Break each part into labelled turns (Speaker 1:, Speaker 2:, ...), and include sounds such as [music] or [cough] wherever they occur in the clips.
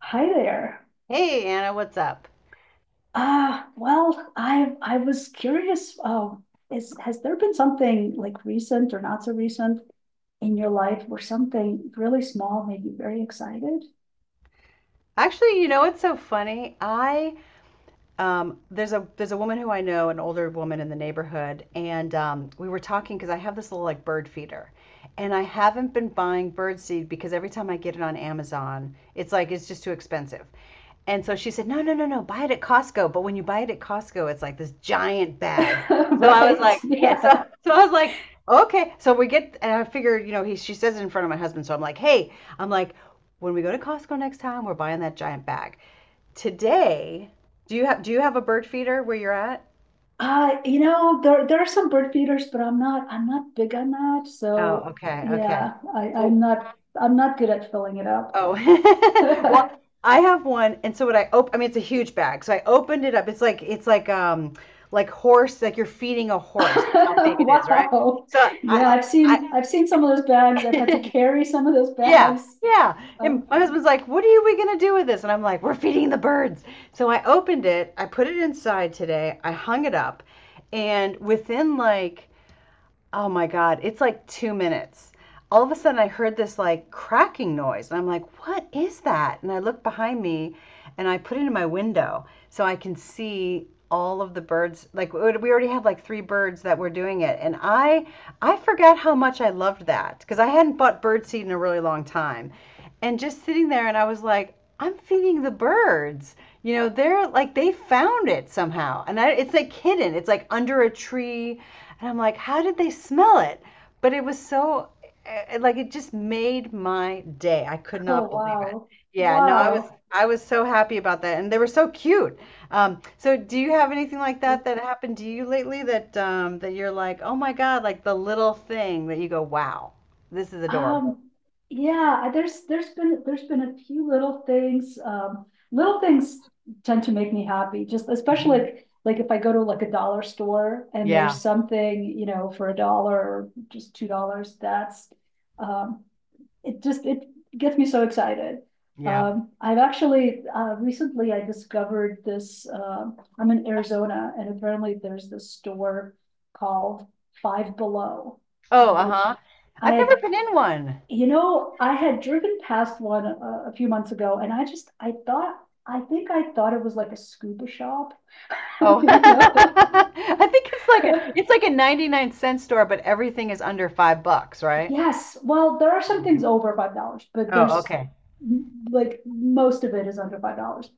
Speaker 1: Hi there.
Speaker 2: Hey Anna, what's up?
Speaker 1: I was curious, is has there been something like recent or not so recent in your life where something really small made you very excited?
Speaker 2: Actually, you know what's so funny? I there's a woman who I know, an older woman in the neighborhood, and we were talking because I have this little like bird feeder, and I haven't been buying bird seed because every time I get it on Amazon, it's just too expensive. And so she said, no, no, no, no, buy it at Costco. But when you buy it at Costco, it's like this giant bag.
Speaker 1: [laughs]
Speaker 2: So I was
Speaker 1: Right.
Speaker 2: like, [laughs] yeah. So,
Speaker 1: Yeah.
Speaker 2: so I was like, okay. So we get, and I figured, you know, she says it in front of my husband. So I'm like, hey, I'm like, when we go to Costco next time, we're buying that giant bag. Today, do you have a bird feeder where you're at?
Speaker 1: You know, there are some bird feeders, but I'm not big on that.
Speaker 2: Oh,
Speaker 1: So
Speaker 2: okay. Okay.
Speaker 1: yeah,
Speaker 2: Well,
Speaker 1: I'm not good at filling it up.
Speaker 2: oh, [laughs] well,
Speaker 1: [laughs]
Speaker 2: I have one, and so what I op I mean, it's a huge bag. So I opened it up. It's like horse, like you're feeding a horse. That's how big it is, right?
Speaker 1: Wow.
Speaker 2: So
Speaker 1: Yeah,
Speaker 2: I I
Speaker 1: I've seen some of those bags.
Speaker 2: [laughs]
Speaker 1: I've had to
Speaker 2: yeah.
Speaker 1: carry some of those bags.
Speaker 2: Yeah. And
Speaker 1: Um,
Speaker 2: my husband's like, "What are you- we going to do with this?" And I'm like, "We're feeding the birds." So I opened it, I put it inside today, I hung it up, and within like oh my God, it's like 2 minutes. All of a sudden, I heard this like cracking noise, and I'm like, what is that? And I look behind me and I put it in my window so I can see all of the birds. We had like three birds that were doing it, and I forgot how much I loved that because I hadn't bought bird seed in a really long time and just sitting there. And I was like, I'm feeding the birds. You know, they're like they found it somehow, and it's like hidden, it's like under a tree, and I'm like, how did they smell it? But it was so, like, it just made my day. I could
Speaker 1: oh
Speaker 2: not believe it.
Speaker 1: wow.
Speaker 2: Yeah, no, I was
Speaker 1: Wow.
Speaker 2: [laughs] I was so happy about that, and they were so cute. So do you have anything like that that happened to you lately, that that you're like, oh my God, like the little thing that you go, wow, this is adorable?
Speaker 1: Um, yeah, there's been a few little things. Little things tend to make me happy. Just especially
Speaker 2: Mhm.
Speaker 1: like if I go to like a dollar store and
Speaker 2: Yeah,
Speaker 1: there's something you know for a dollar or just $2. That's um, it. Just it gets me so excited.
Speaker 2: yeah.
Speaker 1: I've actually recently I discovered this. I'm in Arizona, and apparently there's this store called Five Below,
Speaker 2: Oh, uh-huh.
Speaker 1: which I
Speaker 2: I've never
Speaker 1: had
Speaker 2: been in one.
Speaker 1: you know, I had driven past one a few months ago, and I think I thought it was like a scuba shop, [laughs]
Speaker 2: Oh, [laughs]
Speaker 1: you know.
Speaker 2: I think it's like a
Speaker 1: [laughs]
Speaker 2: 99 cent store, but everything is under $5, right?
Speaker 1: Yes, well, there are
Speaker 2: Oh,
Speaker 1: some
Speaker 2: my-
Speaker 1: things over $5, but
Speaker 2: oh,
Speaker 1: there's
Speaker 2: okay.
Speaker 1: like most of it is under $5.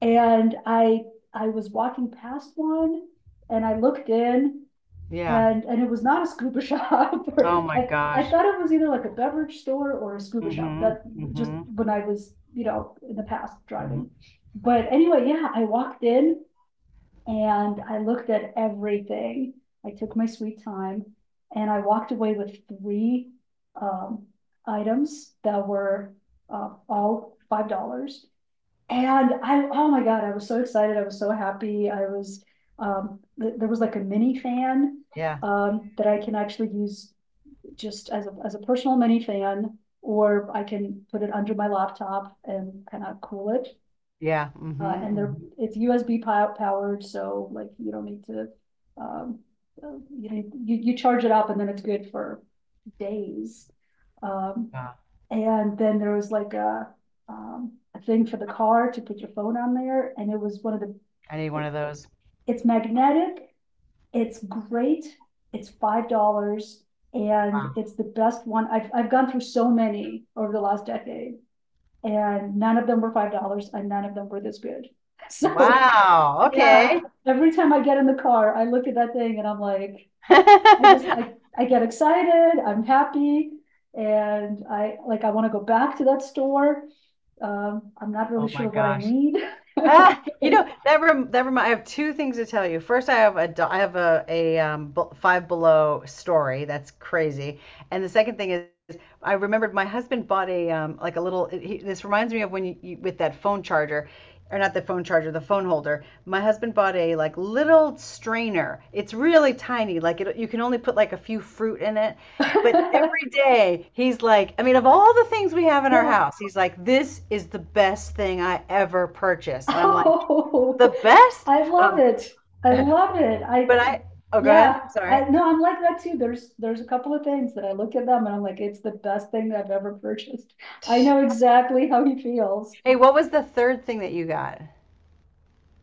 Speaker 1: And I was walking past one and I looked in
Speaker 2: Yeah.
Speaker 1: and it was not a scuba [laughs] shop or
Speaker 2: Oh my
Speaker 1: I
Speaker 2: gosh.
Speaker 1: thought it was either like a beverage store or a scuba shop
Speaker 2: Mm-hmm.
Speaker 1: that just
Speaker 2: Mm-hmm.
Speaker 1: when I was you know in the past driving.
Speaker 2: Hmm.
Speaker 1: But anyway, yeah, I walked in and I looked at everything, I took my sweet time and I walked away with 3 um, items that were all $5. And oh my God, I was so excited. I was so happy. There was like a mini fan
Speaker 2: Yeah.
Speaker 1: that I can actually use just as as a personal mini fan, or I can put it under my laptop and kind of cool it.
Speaker 2: Yeah. Mm-hmm. Mm-hmm.
Speaker 1: It's USB powered, so like you don't need to, um, you know, you charge it up and then it's good for days. Um,
Speaker 2: Wow.
Speaker 1: and then there was like a thing for the car to put your phone on there, and it was one of
Speaker 2: I need one
Speaker 1: it-
Speaker 2: of those.
Speaker 1: it's magnetic, it's great, it's $5. And
Speaker 2: Wow.
Speaker 1: it's the best one. I've gone through so many over the last decade, and none of them were $5 and none of them were this good. [laughs] So,
Speaker 2: Wow.
Speaker 1: yeah,
Speaker 2: Okay.
Speaker 1: every time I get in the car, I look at that thing and I'm like, I just, I,
Speaker 2: [laughs]
Speaker 1: I get excited, I'm happy. And I want to go back to that store. I'm not really
Speaker 2: Oh my
Speaker 1: sure what I
Speaker 2: gosh.
Speaker 1: need. [laughs]
Speaker 2: Ah,
Speaker 1: Oh,
Speaker 2: you know that rem that remind. I have two things to tell you. First, I have I have a Five Below story that's crazy, and the second thing is I remembered my husband bought a like a little. This reminds me of when you with that phone charger, or not the phone charger, the phone holder. My husband bought a like little strainer. It's really tiny. You can only put like a few fruit in it, but every
Speaker 1: [laughs]
Speaker 2: day he's like, I mean, of all the things we have in our
Speaker 1: yeah.
Speaker 2: house, he's like, this is the best thing I ever purchased. And I'm like,
Speaker 1: Oh,
Speaker 2: the best?
Speaker 1: I love
Speaker 2: Um,
Speaker 1: it.
Speaker 2: [laughs]
Speaker 1: I
Speaker 2: but
Speaker 1: love it. I
Speaker 2: I, oh, go ahead.
Speaker 1: Yeah,
Speaker 2: I'm
Speaker 1: I
Speaker 2: sorry.
Speaker 1: no, I'm like that too. There's a couple of things that I look at them and I'm like, it's the best thing I've ever [laughs] purchased. I know exactly how he feels.
Speaker 2: Hey, what was the third thing that you got?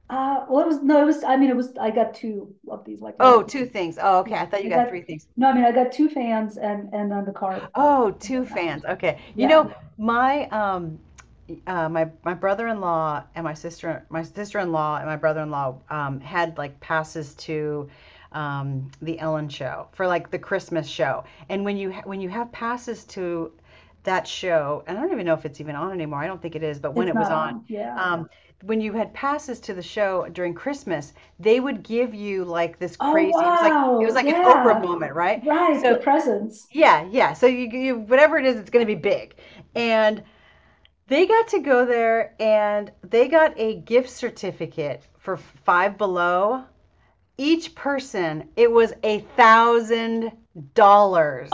Speaker 1: Well, it was no, it was. I mean, it was. I got two of these like
Speaker 2: Oh,
Speaker 1: little.
Speaker 2: two things. Oh, okay. I thought
Speaker 1: I
Speaker 2: you got
Speaker 1: got
Speaker 2: three things.
Speaker 1: No, I mean, I got two fans and then the car
Speaker 2: Oh,
Speaker 1: and the
Speaker 2: two
Speaker 1: mount.
Speaker 2: fans. Okay. You
Speaker 1: Yeah,
Speaker 2: know, yeah. My my brother-in-law and my sister-in-law and my brother-in-law had like passes to the Ellen show for like the Christmas show. And when you have passes to that show, and I don't even know if it's even on anymore. I don't think it is, but when
Speaker 1: it's
Speaker 2: it was
Speaker 1: not
Speaker 2: on,
Speaker 1: on. Yeah.
Speaker 2: um when you had passes to the show during Christmas, they would give you like this
Speaker 1: Oh
Speaker 2: crazy. It was like
Speaker 1: wow.
Speaker 2: an Oprah
Speaker 1: Yeah.
Speaker 2: moment, right?
Speaker 1: Right. The
Speaker 2: So
Speaker 1: presents.
Speaker 2: yeah, yeah. So you whatever it is, it's going to be big. And they got to go there and they got a gift certificate for Five Below. Each person, it was a thousand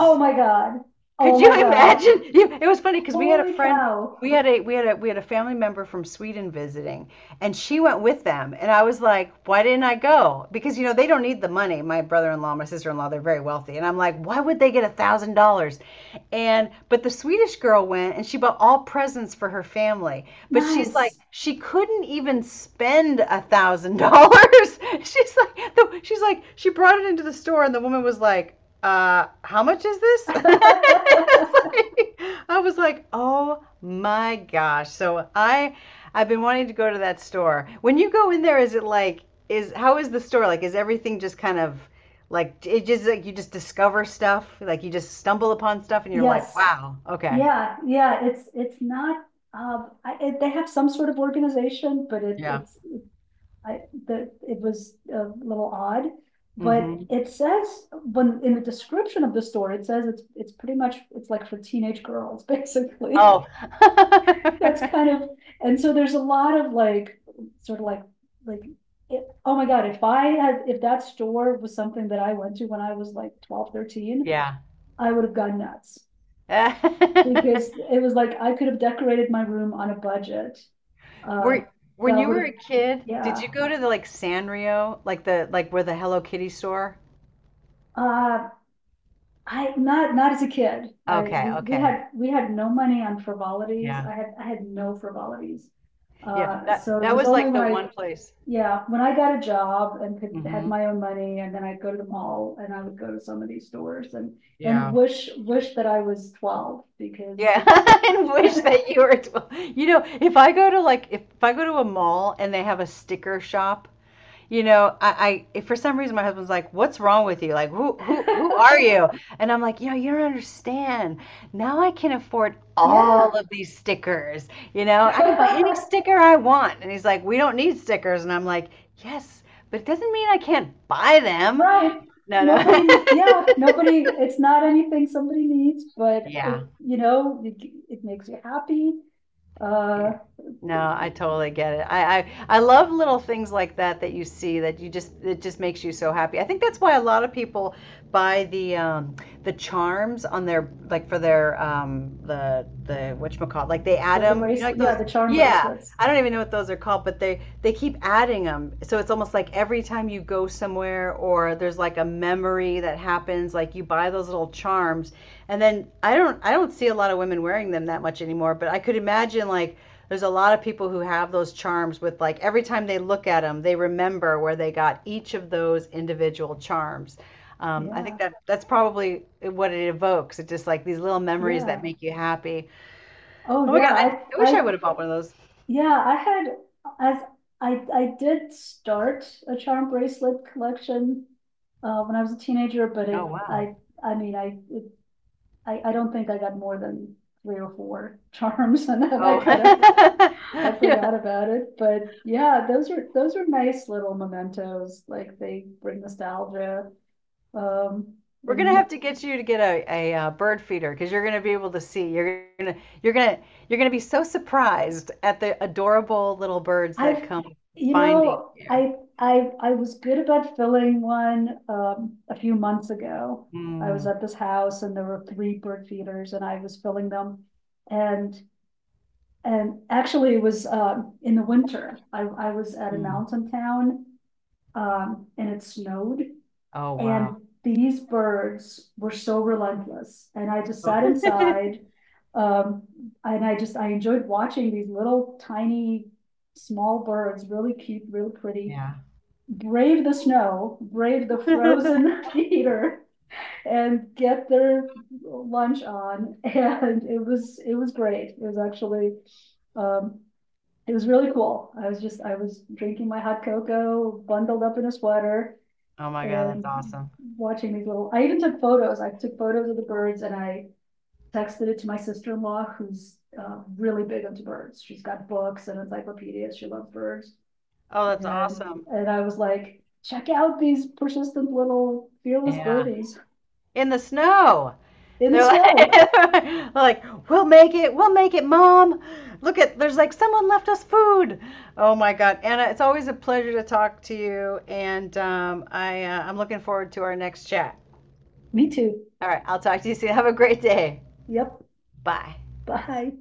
Speaker 1: Oh my God. Oh
Speaker 2: Could you
Speaker 1: my God.
Speaker 2: imagine? It was funny because we had a
Speaker 1: Holy
Speaker 2: friend,
Speaker 1: cow.
Speaker 2: we had a we had a family member from Sweden visiting, and she went with them. And I was like, why didn't I go? Because you know they don't need the money. My brother-in-law, my sister-in-law, they're very wealthy, and I'm like, why would they get $1,000? And but the Swedish girl went, and she bought all presents for her family. But she's like,
Speaker 1: Nice.
Speaker 2: she couldn't even spend $1,000. [laughs] She's like, she's like, she brought it into the store, and the woman was like how much is this? [laughs]
Speaker 1: [laughs]
Speaker 2: Like, I was like, oh my gosh. So I've been wanting to go to that store. When you go in there, is it like is how is the store like? Is everything just kind of like it just like you just discover stuff, like you just stumble upon stuff and you're like,
Speaker 1: Yes,
Speaker 2: wow, okay?
Speaker 1: yeah, yeah. It's not. I, it, They have some sort of organization, but
Speaker 2: Yeah.
Speaker 1: it's I the it was a little odd. But
Speaker 2: Mm-hmm.
Speaker 1: it says when in the description of the store, it says it's pretty much it's like for teenage girls, [laughs] basically.
Speaker 2: Oh.
Speaker 1: That's kind
Speaker 2: [laughs]
Speaker 1: of and so there's a lot of sort of like like oh my God, if I had, if that store was something that I went to when I was like 12, 13,
Speaker 2: Yeah.
Speaker 1: I would have gone nuts because it was like I could have decorated my room on a budget.
Speaker 2: [laughs]
Speaker 1: Uh,
Speaker 2: Were when
Speaker 1: that
Speaker 2: you
Speaker 1: would
Speaker 2: were
Speaker 1: have,
Speaker 2: a kid, did
Speaker 1: yeah.
Speaker 2: you go to the like Sanrio, like the like where the Hello Kitty store?
Speaker 1: Uh, I not not as a kid. I
Speaker 2: Okay,
Speaker 1: we
Speaker 2: okay.
Speaker 1: had no money on frivolities.
Speaker 2: Yeah.
Speaker 1: I had no frivolities.
Speaker 2: Yeah, that
Speaker 1: So it
Speaker 2: that
Speaker 1: was
Speaker 2: was
Speaker 1: only
Speaker 2: like
Speaker 1: when
Speaker 2: the
Speaker 1: I
Speaker 2: one place.
Speaker 1: yeah, when I got a job and could had
Speaker 2: Hmm.
Speaker 1: my own money, and then I'd go to the mall and I would go to some of these stores and
Speaker 2: Yeah.
Speaker 1: wish, that I was 12 because
Speaker 2: Yeah, [laughs] and wish that you were 12. You know, if I go to like if I go to a mall and they have a sticker shop, you know, I for some reason my husband's like, "What's wrong with you? Like,
Speaker 1: [laughs]
Speaker 2: who are you?" And I'm like, "You know, you don't understand. Now I can afford
Speaker 1: yeah.
Speaker 2: all of these stickers. You know, I can buy any
Speaker 1: [laughs]
Speaker 2: sticker I want." And he's like, "We don't need stickers." And I'm like, "Yes, but it doesn't mean I can't buy them."
Speaker 1: Right.
Speaker 2: No, no.
Speaker 1: Nobody, yeah, nobody, it's not anything somebody needs,
Speaker 2: [laughs]
Speaker 1: but if,
Speaker 2: Yeah.
Speaker 1: you know, it makes you happy.
Speaker 2: Yeah.
Speaker 1: Uh,
Speaker 2: No, I totally get it. I love little things like that that you see that you just it just makes you so happy. I think that's why a lot of people buy the charms on their like for their the whatchamacallit, like they add
Speaker 1: the,
Speaker 2: them. You know, like
Speaker 1: bracelet, yeah,
Speaker 2: those.
Speaker 1: the charm
Speaker 2: Yeah,
Speaker 1: bracelets.
Speaker 2: I don't even know what those are called, but they keep adding them. So it's almost like every time you go somewhere or there's like a memory that happens, like you buy those little charms, and then I don't see a lot of women wearing them that much anymore. But I could imagine like there's a lot of people who have those charms with like every time they look at them, they remember where they got each of those individual charms. I
Speaker 1: Yeah,
Speaker 2: think that that's probably what it evokes. It's just like these little memories that
Speaker 1: yeah.
Speaker 2: make you happy.
Speaker 1: Oh,
Speaker 2: Oh my
Speaker 1: yeah.
Speaker 2: God, I wish I would have bought one of those.
Speaker 1: Yeah, I had, as I did start a charm bracelet collection when I was a teenager, but it,
Speaker 2: Oh wow.
Speaker 1: I, I mean, I, it, I don't think I got more than three or four [laughs] charms, and then
Speaker 2: Oh,
Speaker 1: I kind of I
Speaker 2: [laughs] yeah.
Speaker 1: forgot about it. But yeah, those are nice little mementos. Like they bring nostalgia. Um,
Speaker 2: We're gonna
Speaker 1: and
Speaker 2: have to get you to get bird feeder because you're gonna be able to see. You're gonna you're gonna you're gonna be so surprised at the adorable little birds that
Speaker 1: I've,
Speaker 2: come
Speaker 1: you
Speaker 2: finding
Speaker 1: know,
Speaker 2: you.
Speaker 1: I was good about filling one a few months ago. I was
Speaker 2: Mm,
Speaker 1: at this house and there were 3 bird feeders, and I was filling them, and actually it was in the winter. I was at a
Speaker 2: mm.
Speaker 1: mountain town, and it snowed.
Speaker 2: Oh,
Speaker 1: And
Speaker 2: wow.
Speaker 1: these birds were so relentless. And I just sat
Speaker 2: [laughs]
Speaker 1: inside. Um, and I just I enjoyed watching these little tiny small birds, really cute, really pretty,
Speaker 2: Yeah.
Speaker 1: brave the snow, brave the
Speaker 2: [laughs]
Speaker 1: frozen [laughs] theater, and get their lunch on. [laughs] And it was great. It was actually um, it was really cool. I was drinking my hot cocoa, bundled up in a sweater,
Speaker 2: Oh my God, that's
Speaker 1: and
Speaker 2: awesome.
Speaker 1: watching these little, I even took photos. I took photos of the birds and I texted it to my sister-in-law, who's really big into birds. She's got books and encyclopedias. She loves birds.
Speaker 2: Oh, that's
Speaker 1: And
Speaker 2: awesome.
Speaker 1: I was like, check out these persistent little fearless
Speaker 2: Yeah.
Speaker 1: birdies
Speaker 2: In the snow.
Speaker 1: in the
Speaker 2: They're like,
Speaker 1: snow.
Speaker 2: [laughs] like, we'll make it, Mom. Look at, there's like someone left us food. Oh my God, Anna, it's always a pleasure to talk to you, and I I'm looking forward to our next chat.
Speaker 1: Me too.
Speaker 2: All right, I'll talk to you soon. Have a great day.
Speaker 1: Yep.
Speaker 2: Bye.
Speaker 1: Bye.